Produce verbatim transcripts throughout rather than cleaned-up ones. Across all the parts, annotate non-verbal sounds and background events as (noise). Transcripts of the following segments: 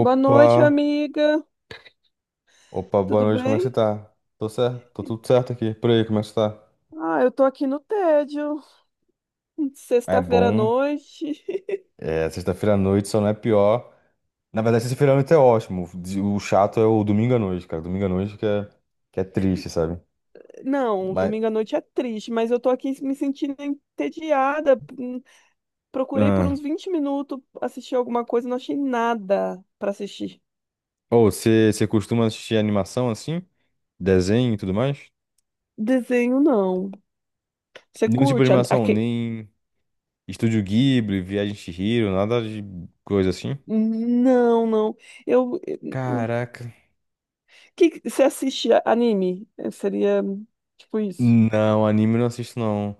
Boa noite, amiga. opa, boa Tudo noite, como é que você bem? tá? Tô certo, tô tudo certo aqui, por aí, como é que você tá? Ah, eu tô aqui no tédio. É Sexta-feira à bom, noite. é, sexta-feira à noite só não é pior. Na verdade, sexta-feira à noite é ótimo, o chato é o domingo à noite, cara, domingo à noite que é, que é triste, sabe? Não, Mas, domingo à noite é triste, mas eu tô aqui me sentindo entediada. Hum, Procurei por ah. uns vinte minutos assistir alguma coisa, não achei nada pra assistir. Ô, você você costuma assistir animação assim? Desenho e tudo mais? Desenho, não. Você Nenhum tipo de curte? a- animação, aque- nem Estúdio Ghibli, Viagem de Chihiro, nada de coisa assim? Não, não. Eu. O Caraca. que que- você assiste anime? Eh, Seria tipo isso. Não, anime eu não assisto não.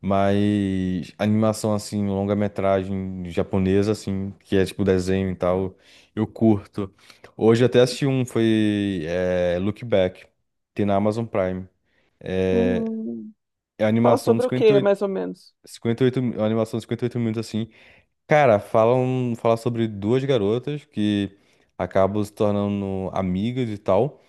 Mas animação assim, longa-metragem japonesa assim, que é tipo desenho e tal, eu curto. Hoje eu até assisti um, foi é, Look Back, tem na Amazon Prime. É, Hum, é a Fala animação de sobre o que cinquenta e oito, mais ou menos? cinquenta e oito, é uma animação de cinquenta e oito minutos assim. Cara, falam, fala sobre duas garotas que acabam se tornando amigas e tal.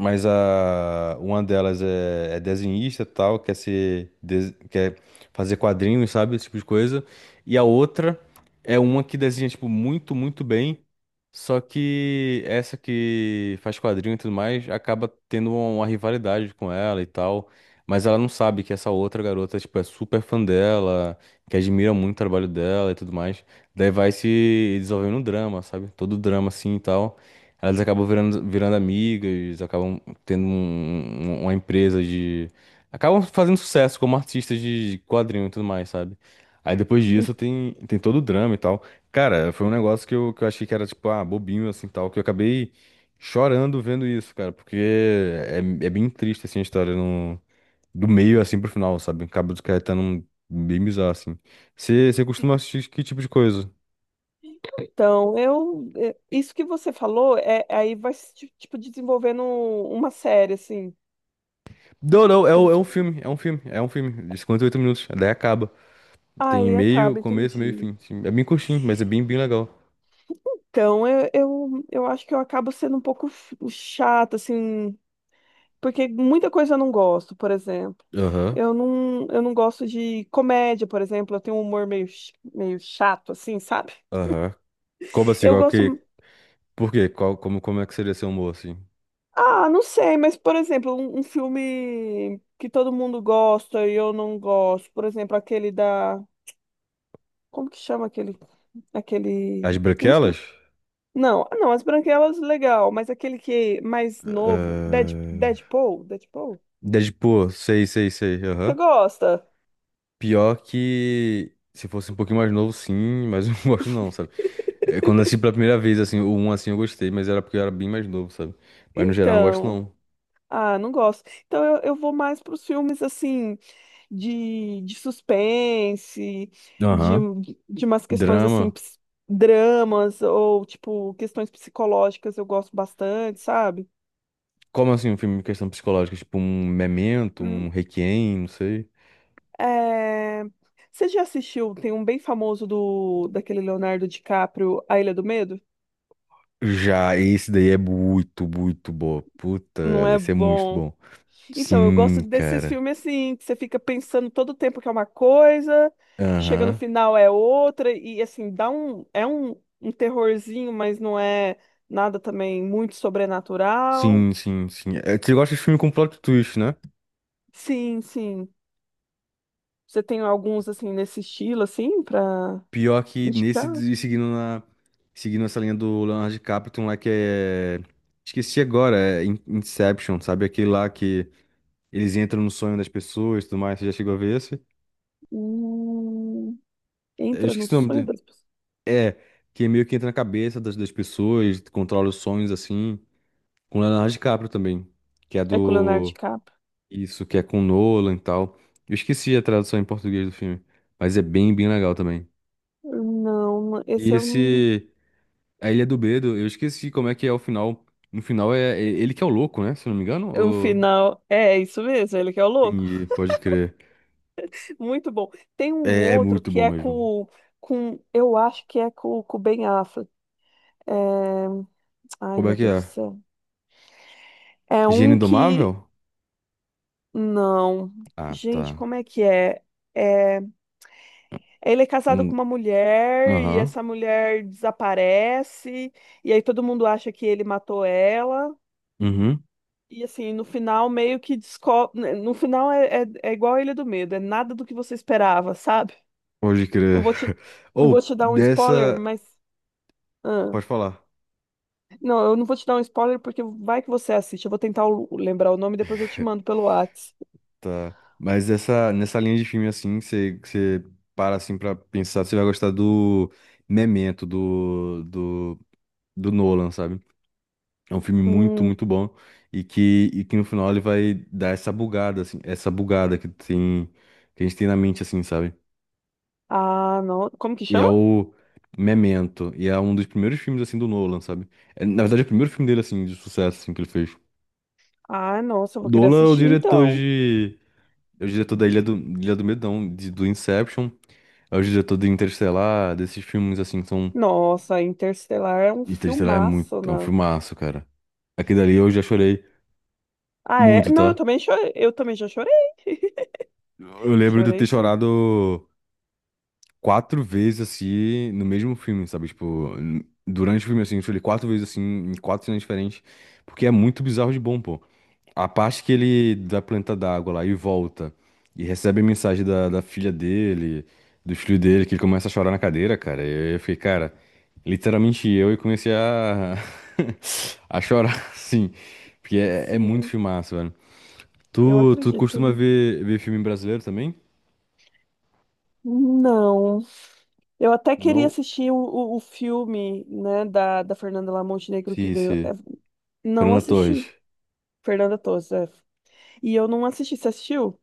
Mas a, uma delas é, é desenhista e tal, quer ser, des- quer fazer quadrinhos, sabe? Esse tipo de coisa. E a outra é uma que desenha, tipo, muito, muito bem. Só que essa que faz quadrinho e tudo mais acaba tendo uma, uma rivalidade com ela e tal. Mas ela não sabe que essa outra garota, tipo, é super fã dela, que admira muito o trabalho dela e tudo mais. Daí vai se desenvolvendo um drama, sabe? Todo drama assim e tal. Elas acabam virando, virando amigas, acabam tendo um- um- uma empresa de. Acabam fazendo sucesso como artistas de quadrinho e tudo mais, sabe? Aí depois disso tem, tem, todo o drama e tal. Cara, foi um negócio que eu, que eu achei que era, tipo, ah, bobinho, assim, tal, que eu acabei chorando vendo isso, cara, porque é, é bem triste, assim, a história no, do meio, assim, pro final, sabe? Cabo dos Caetano um- bem bizarro, assim. Você você costuma assistir que tipo de coisa? Então, eu, é, isso que você falou, é, aí vai se, ti- tipo, desenvolvendo um- uma série, assim, Não, não, é, como um- é se, um filme, é um filme, é um filme, de cinquenta e oito minutos, daí acaba. Tem ai, meio, acaba, começo, meio e entendi. fim, assim. É bem curtinho, mas é bem, bem legal. Então, eu, eu, eu acho que eu acabo sendo um pouco ch- chata, assim, porque muita coisa eu não gosto, por exemplo. Aham, Eu não, eu não gosto de comédia, por exemplo, eu tenho um humor meio, ch- meio chato, assim, sabe? aham. Como assim, Eu qual gosto, que, por quê? Qual, como, como é que seria seu humor, assim? ah, não sei, mas, por exemplo, um, um filme que todo mundo gosta e eu não gosto, por exemplo, aquele da... Como que chama aquele, aquele, As não, branquelas? sei- não, ah, não, as branquelas, legal, mas aquele que é mais novo, Dead, Deadpool, Deadpool, Deadpool, sei, sei, sei. você Aham. gosta? Pior que. Se fosse um pouquinho mais novo, sim, mas (laughs) eu não gosto não, sabe? É, quando eu assisti pela primeira vez, assim, o um assim eu gostei, mas era porque eu era bem mais novo, sabe? Mas no geral eu não gosto Então, não. ah, não gosto. Então eu, eu vou mais para os filmes, assim, de, de suspense, de, Aham. de umas questões, assim, Drama. ps- dramas, ou, tipo, questões psicológicas eu gosto bastante, sabe? Como assim um filme de questão psicológica? Tipo um Memento, um Requiem, não sei. É, você já assistiu? Tem um bem famoso do daquele Leonardo DiCaprio, A Ilha do Medo? Já esse daí é muito, muito bom. Puta, Não é esse é muito bom. bom. Então, eu Sim, gosto desses cara. filmes assim, que você fica pensando todo o tempo que é uma coisa, chega no Aham. final é outra, e assim, dá um. É um, um terrorzinho, mas não é nada também muito sobrenatural. Sim, sim, sim. É, você gosta de filme com plot twist, né? Sim, sim. Você tem alguns assim nesse estilo, assim, pra Pior que indicar? nesse, e seguindo na, seguindo essa linha do Leonardo DiCaprio, tem um lá que é, esqueci agora, é In- Inception, sabe? Aquele lá que eles entram no sonho das pessoas e tudo mais, você já chegou a ver esse? Hum. Eu Entra no esqueci o nome sonho dele. das pessoas. É, que meio que entra na cabeça das, das pessoas, controla os sonhos, assim, com Leonardo DiCaprio também, que é É com o Leonardo do, DiCaprio. isso, que é com Nolan e tal. Eu esqueci a tradução em português do filme, mas é bem, bem legal também. Não, E esse é um, esse... A Ilha do Bedo, eu esqueci como é que é o final. No final é, é ele que é o louco, né? Se eu não me engano. é um Ou... final. É isso mesmo, ele que é o louco. Entendi, pode crer. Muito bom. Tem um É, é outro muito que bom é mesmo. com, com eu acho que é com, com o Ben Affleck. É, ai, Como meu é que Deus do é? céu. É Gênio um que. Indomável? Não. Ah, Gente, tá. como é que é? É, ele é casado com Hum, uma mulher e aham. essa mulher desaparece, e aí todo mundo acha que ele matou ela. Uhum. E assim, no final meio que descobre. No final é, é, é igual a Ilha do Medo, é nada do que você esperava, sabe? Pode Não crer. vou te, (laughs) não vou Ou, te dar um spoiler, dessa. mas. Ah, Pode falar. não, eu não vou te dar um spoiler porque vai que você assiste. Eu vou tentar o- lembrar o nome e depois eu te mando pelo Whats. Tá. Mas essa, nessa linha de filme assim, você você para assim pra pensar, você vai gostar do Memento, do, do, do Nolan, sabe? É um filme muito, Hum, muito bom e que, e que no final ele vai dar essa bugada, assim, essa bugada que tem, que a gente tem na mente, assim, sabe? ah, não. Como que E é chama? o Memento, e é um dos primeiros filmes, assim, do Nolan, sabe? É, na verdade, é o primeiro filme dele, assim, de sucesso, assim, que ele fez. Ah, nossa, eu vou querer Nolan é o assistir diretor então. de... É o diretor da Ilha do, Ilha do Medo, não, de- do Inception, é o diretor do Interstellar, desses filmes, assim, que são... Nossa, Interstellar é um Interstellar é muito... filmaço, É um né? filmaço, cara. Aquele dali eu já chorei Ah, é? muito, Não, eu tá? também chorei. Eu também já chorei. (laughs) Eu lembro de eu Chorei ter super. chorado, quatro vezes assim no mesmo filme, sabe? Tipo, n- durante o filme assim, eu chorei quatro vezes assim, em quatro cenas diferentes, porque é muito bizarro de bom, pô. A parte que ele da planta d'água lá e volta e recebe a mensagem da, da filha dele, do filho dele, que ele começa a chorar na cadeira, cara. Eu, eu fiquei, cara, literalmente eu e comecei a (laughs) a chorar, assim, porque é, é muito Sim. filmaço, velho. Eu Tu, tu acredito. costuma ver, ver filme brasileiro também? Não. Eu até queria Não. assistir o, o, o filme, né, da, da Fernanda lá Montenegro que Sim, ganhou. É, sim. não Fernanda Torres. assisti. Fernanda Torres, é. E eu não assisti. Você assistiu?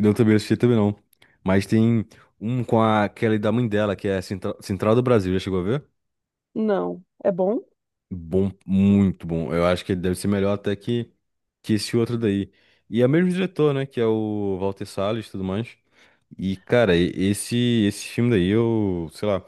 Não, também não assisti também não. Mas tem um com a Kelly da mãe dela, que é Central, Central do Brasil, já chegou a ver? Não. É bom? Bom, muito bom. Eu acho que ele deve ser melhor até que, que esse outro daí. E é o mesmo diretor, né? Que é o Walter Salles e tudo mais. E, cara, e- esse, esse filme daí, eu, sei lá,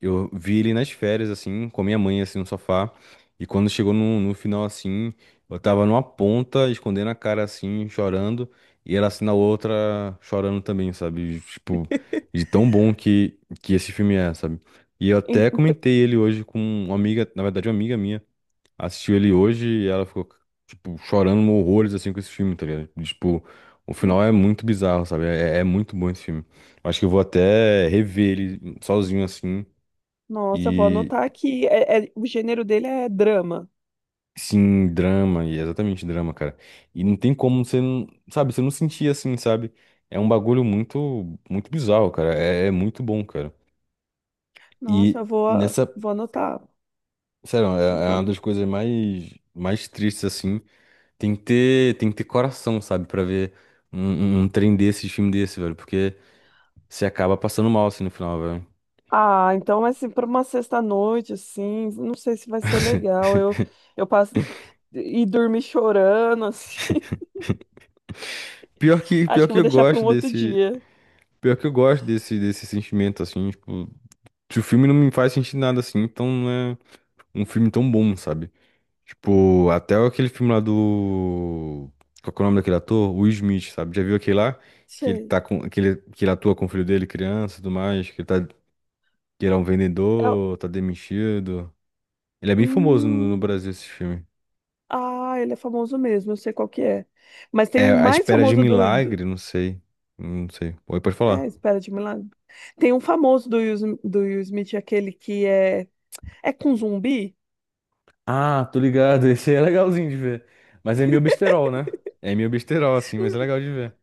eu vi ele nas férias, assim, com a minha mãe, assim, no sofá. E quando chegou no, no final, assim, eu tava numa ponta, escondendo a cara, assim, chorando. E ela, assim, na outra, chorando também, sabe? Tipo, de tão bom que, que esse filme é, sabe? E eu Ent-. até comentei ele hoje com uma amiga, na verdade, uma amiga minha assistiu ele hoje e ela ficou, tipo, chorando horrores, assim, com esse filme, tá ligado? E, tipo, o final é muito bizarro, sabe? É, é muito bom esse filme. Eu acho que eu vou até rever ele sozinho, assim, Nossa, eu vou e, anotar aqui. É- é- o gênero dele é drama. sim, drama, e é exatamente drama, cara. E não tem como você não, sabe, você não sentir assim, sabe? É um bagulho muito, muito bizarro, cara. É, é muito bom, cara. Nossa, E eu vou, nessa, vou anotar. sério, é, é uma das coisas mais, mais tristes, assim. Tem que ter, tem que ter, coração, sabe, pra ver um, um, um trem desse, filme desse, velho, porque você acaba passando mal assim no final, velho. Ah, então, assim, para uma sexta-noite, assim, não sei se vai ser (laughs) legal. Eu, eu passo e dormir chorando, (laughs) assim. Pior que, Acho pior que eu que vou eu deixar para um gosto outro desse, dia. pior que eu gosto desse, desse sentimento assim, tipo, se o filme não me faz sentir nada assim, então não é um filme tão bom, sabe? Tipo, até aquele filme lá do qual que é o nome daquele ator? Will Smith, sabe? Já viu aquele lá que ele Sei. tá com que ele, que ele atua com o filho dele, criança, e tudo mais, que ele tá que ele é um É o... vendedor, tá demitido. Ele é bem famoso hum, no, no Brasil, esse filme. ah, ele é famoso mesmo, eu sei qual que é. Mas tem É um A mais Espera de um famoso do, do-. Milagre, não sei. Não sei. Oi, pode É, falar. Espera de Milagre. Tem um famoso do Will, Sm- do Will Smith, aquele que é... É com zumbi? Ah, tô ligado. (laughs) Esse aí é legalzinho de ver. Mas é meio besterol, né? É meio besterol, assim, mas é Hum, legal de ver.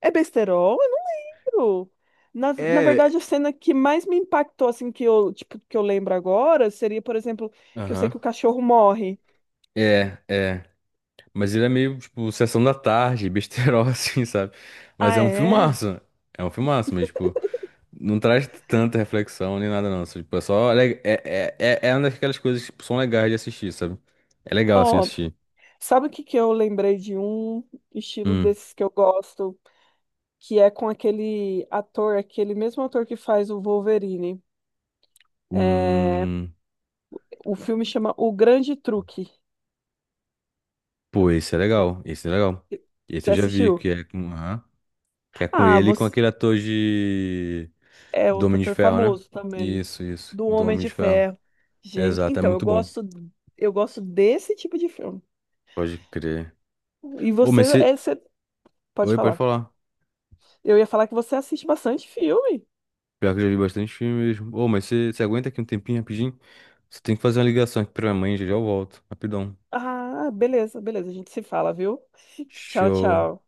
É besterol? Eu não lembro. Na, na É. verdade, a cena que mais me impactou, assim, que eu, tipo, que eu lembro agora, seria, por exemplo, que eu sei Aham. que o cachorro morre. É, é. Mas ele é meio, tipo, sessão da tarde, besterol, (laughs) assim, sabe? Mas Ah, é um é? filmaço. É um filmaço, mas, tipo, não traz tanta reflexão nem nada, não. Só, tipo, é só. le- É, é, é, é uma daquelas coisas que tipo, são legais de assistir, sabe? É legal, assim, Ó, assistir. sabe o que que eu lembrei de um estilo Hum. desses que eu gosto? Que é com aquele ator, aquele mesmo ator que faz o Wolverine. É, Hum, o filme chama O Grande Truque. pô, esse é Você legal. Esse é legal. Esse você eu já vi, assistiu? que é com, aham, que é com Ah, ele e com você aquele ator de é do outro Homem de ator Ferro, né? famoso também, Isso, isso. do Do Homem Homem de de Ferro. Ferro. Gente, Exato, é então eu muito bom. gosto, eu gosto desse tipo de filme. Pode crer. E Ô, você, mas é, você. você pode Oi, pode falar. falar. Eu ia falar que você assiste bastante filme. Pior que eu já vi bastante filme mesmo. Ô, mas você você aguenta aqui um tempinho rapidinho? Você tem que fazer uma ligação aqui pra minha mãe, já já eu volto. Rapidão. Ah, beleza, beleza. A gente se fala, viu? (laughs) Tchau, Show. tchau.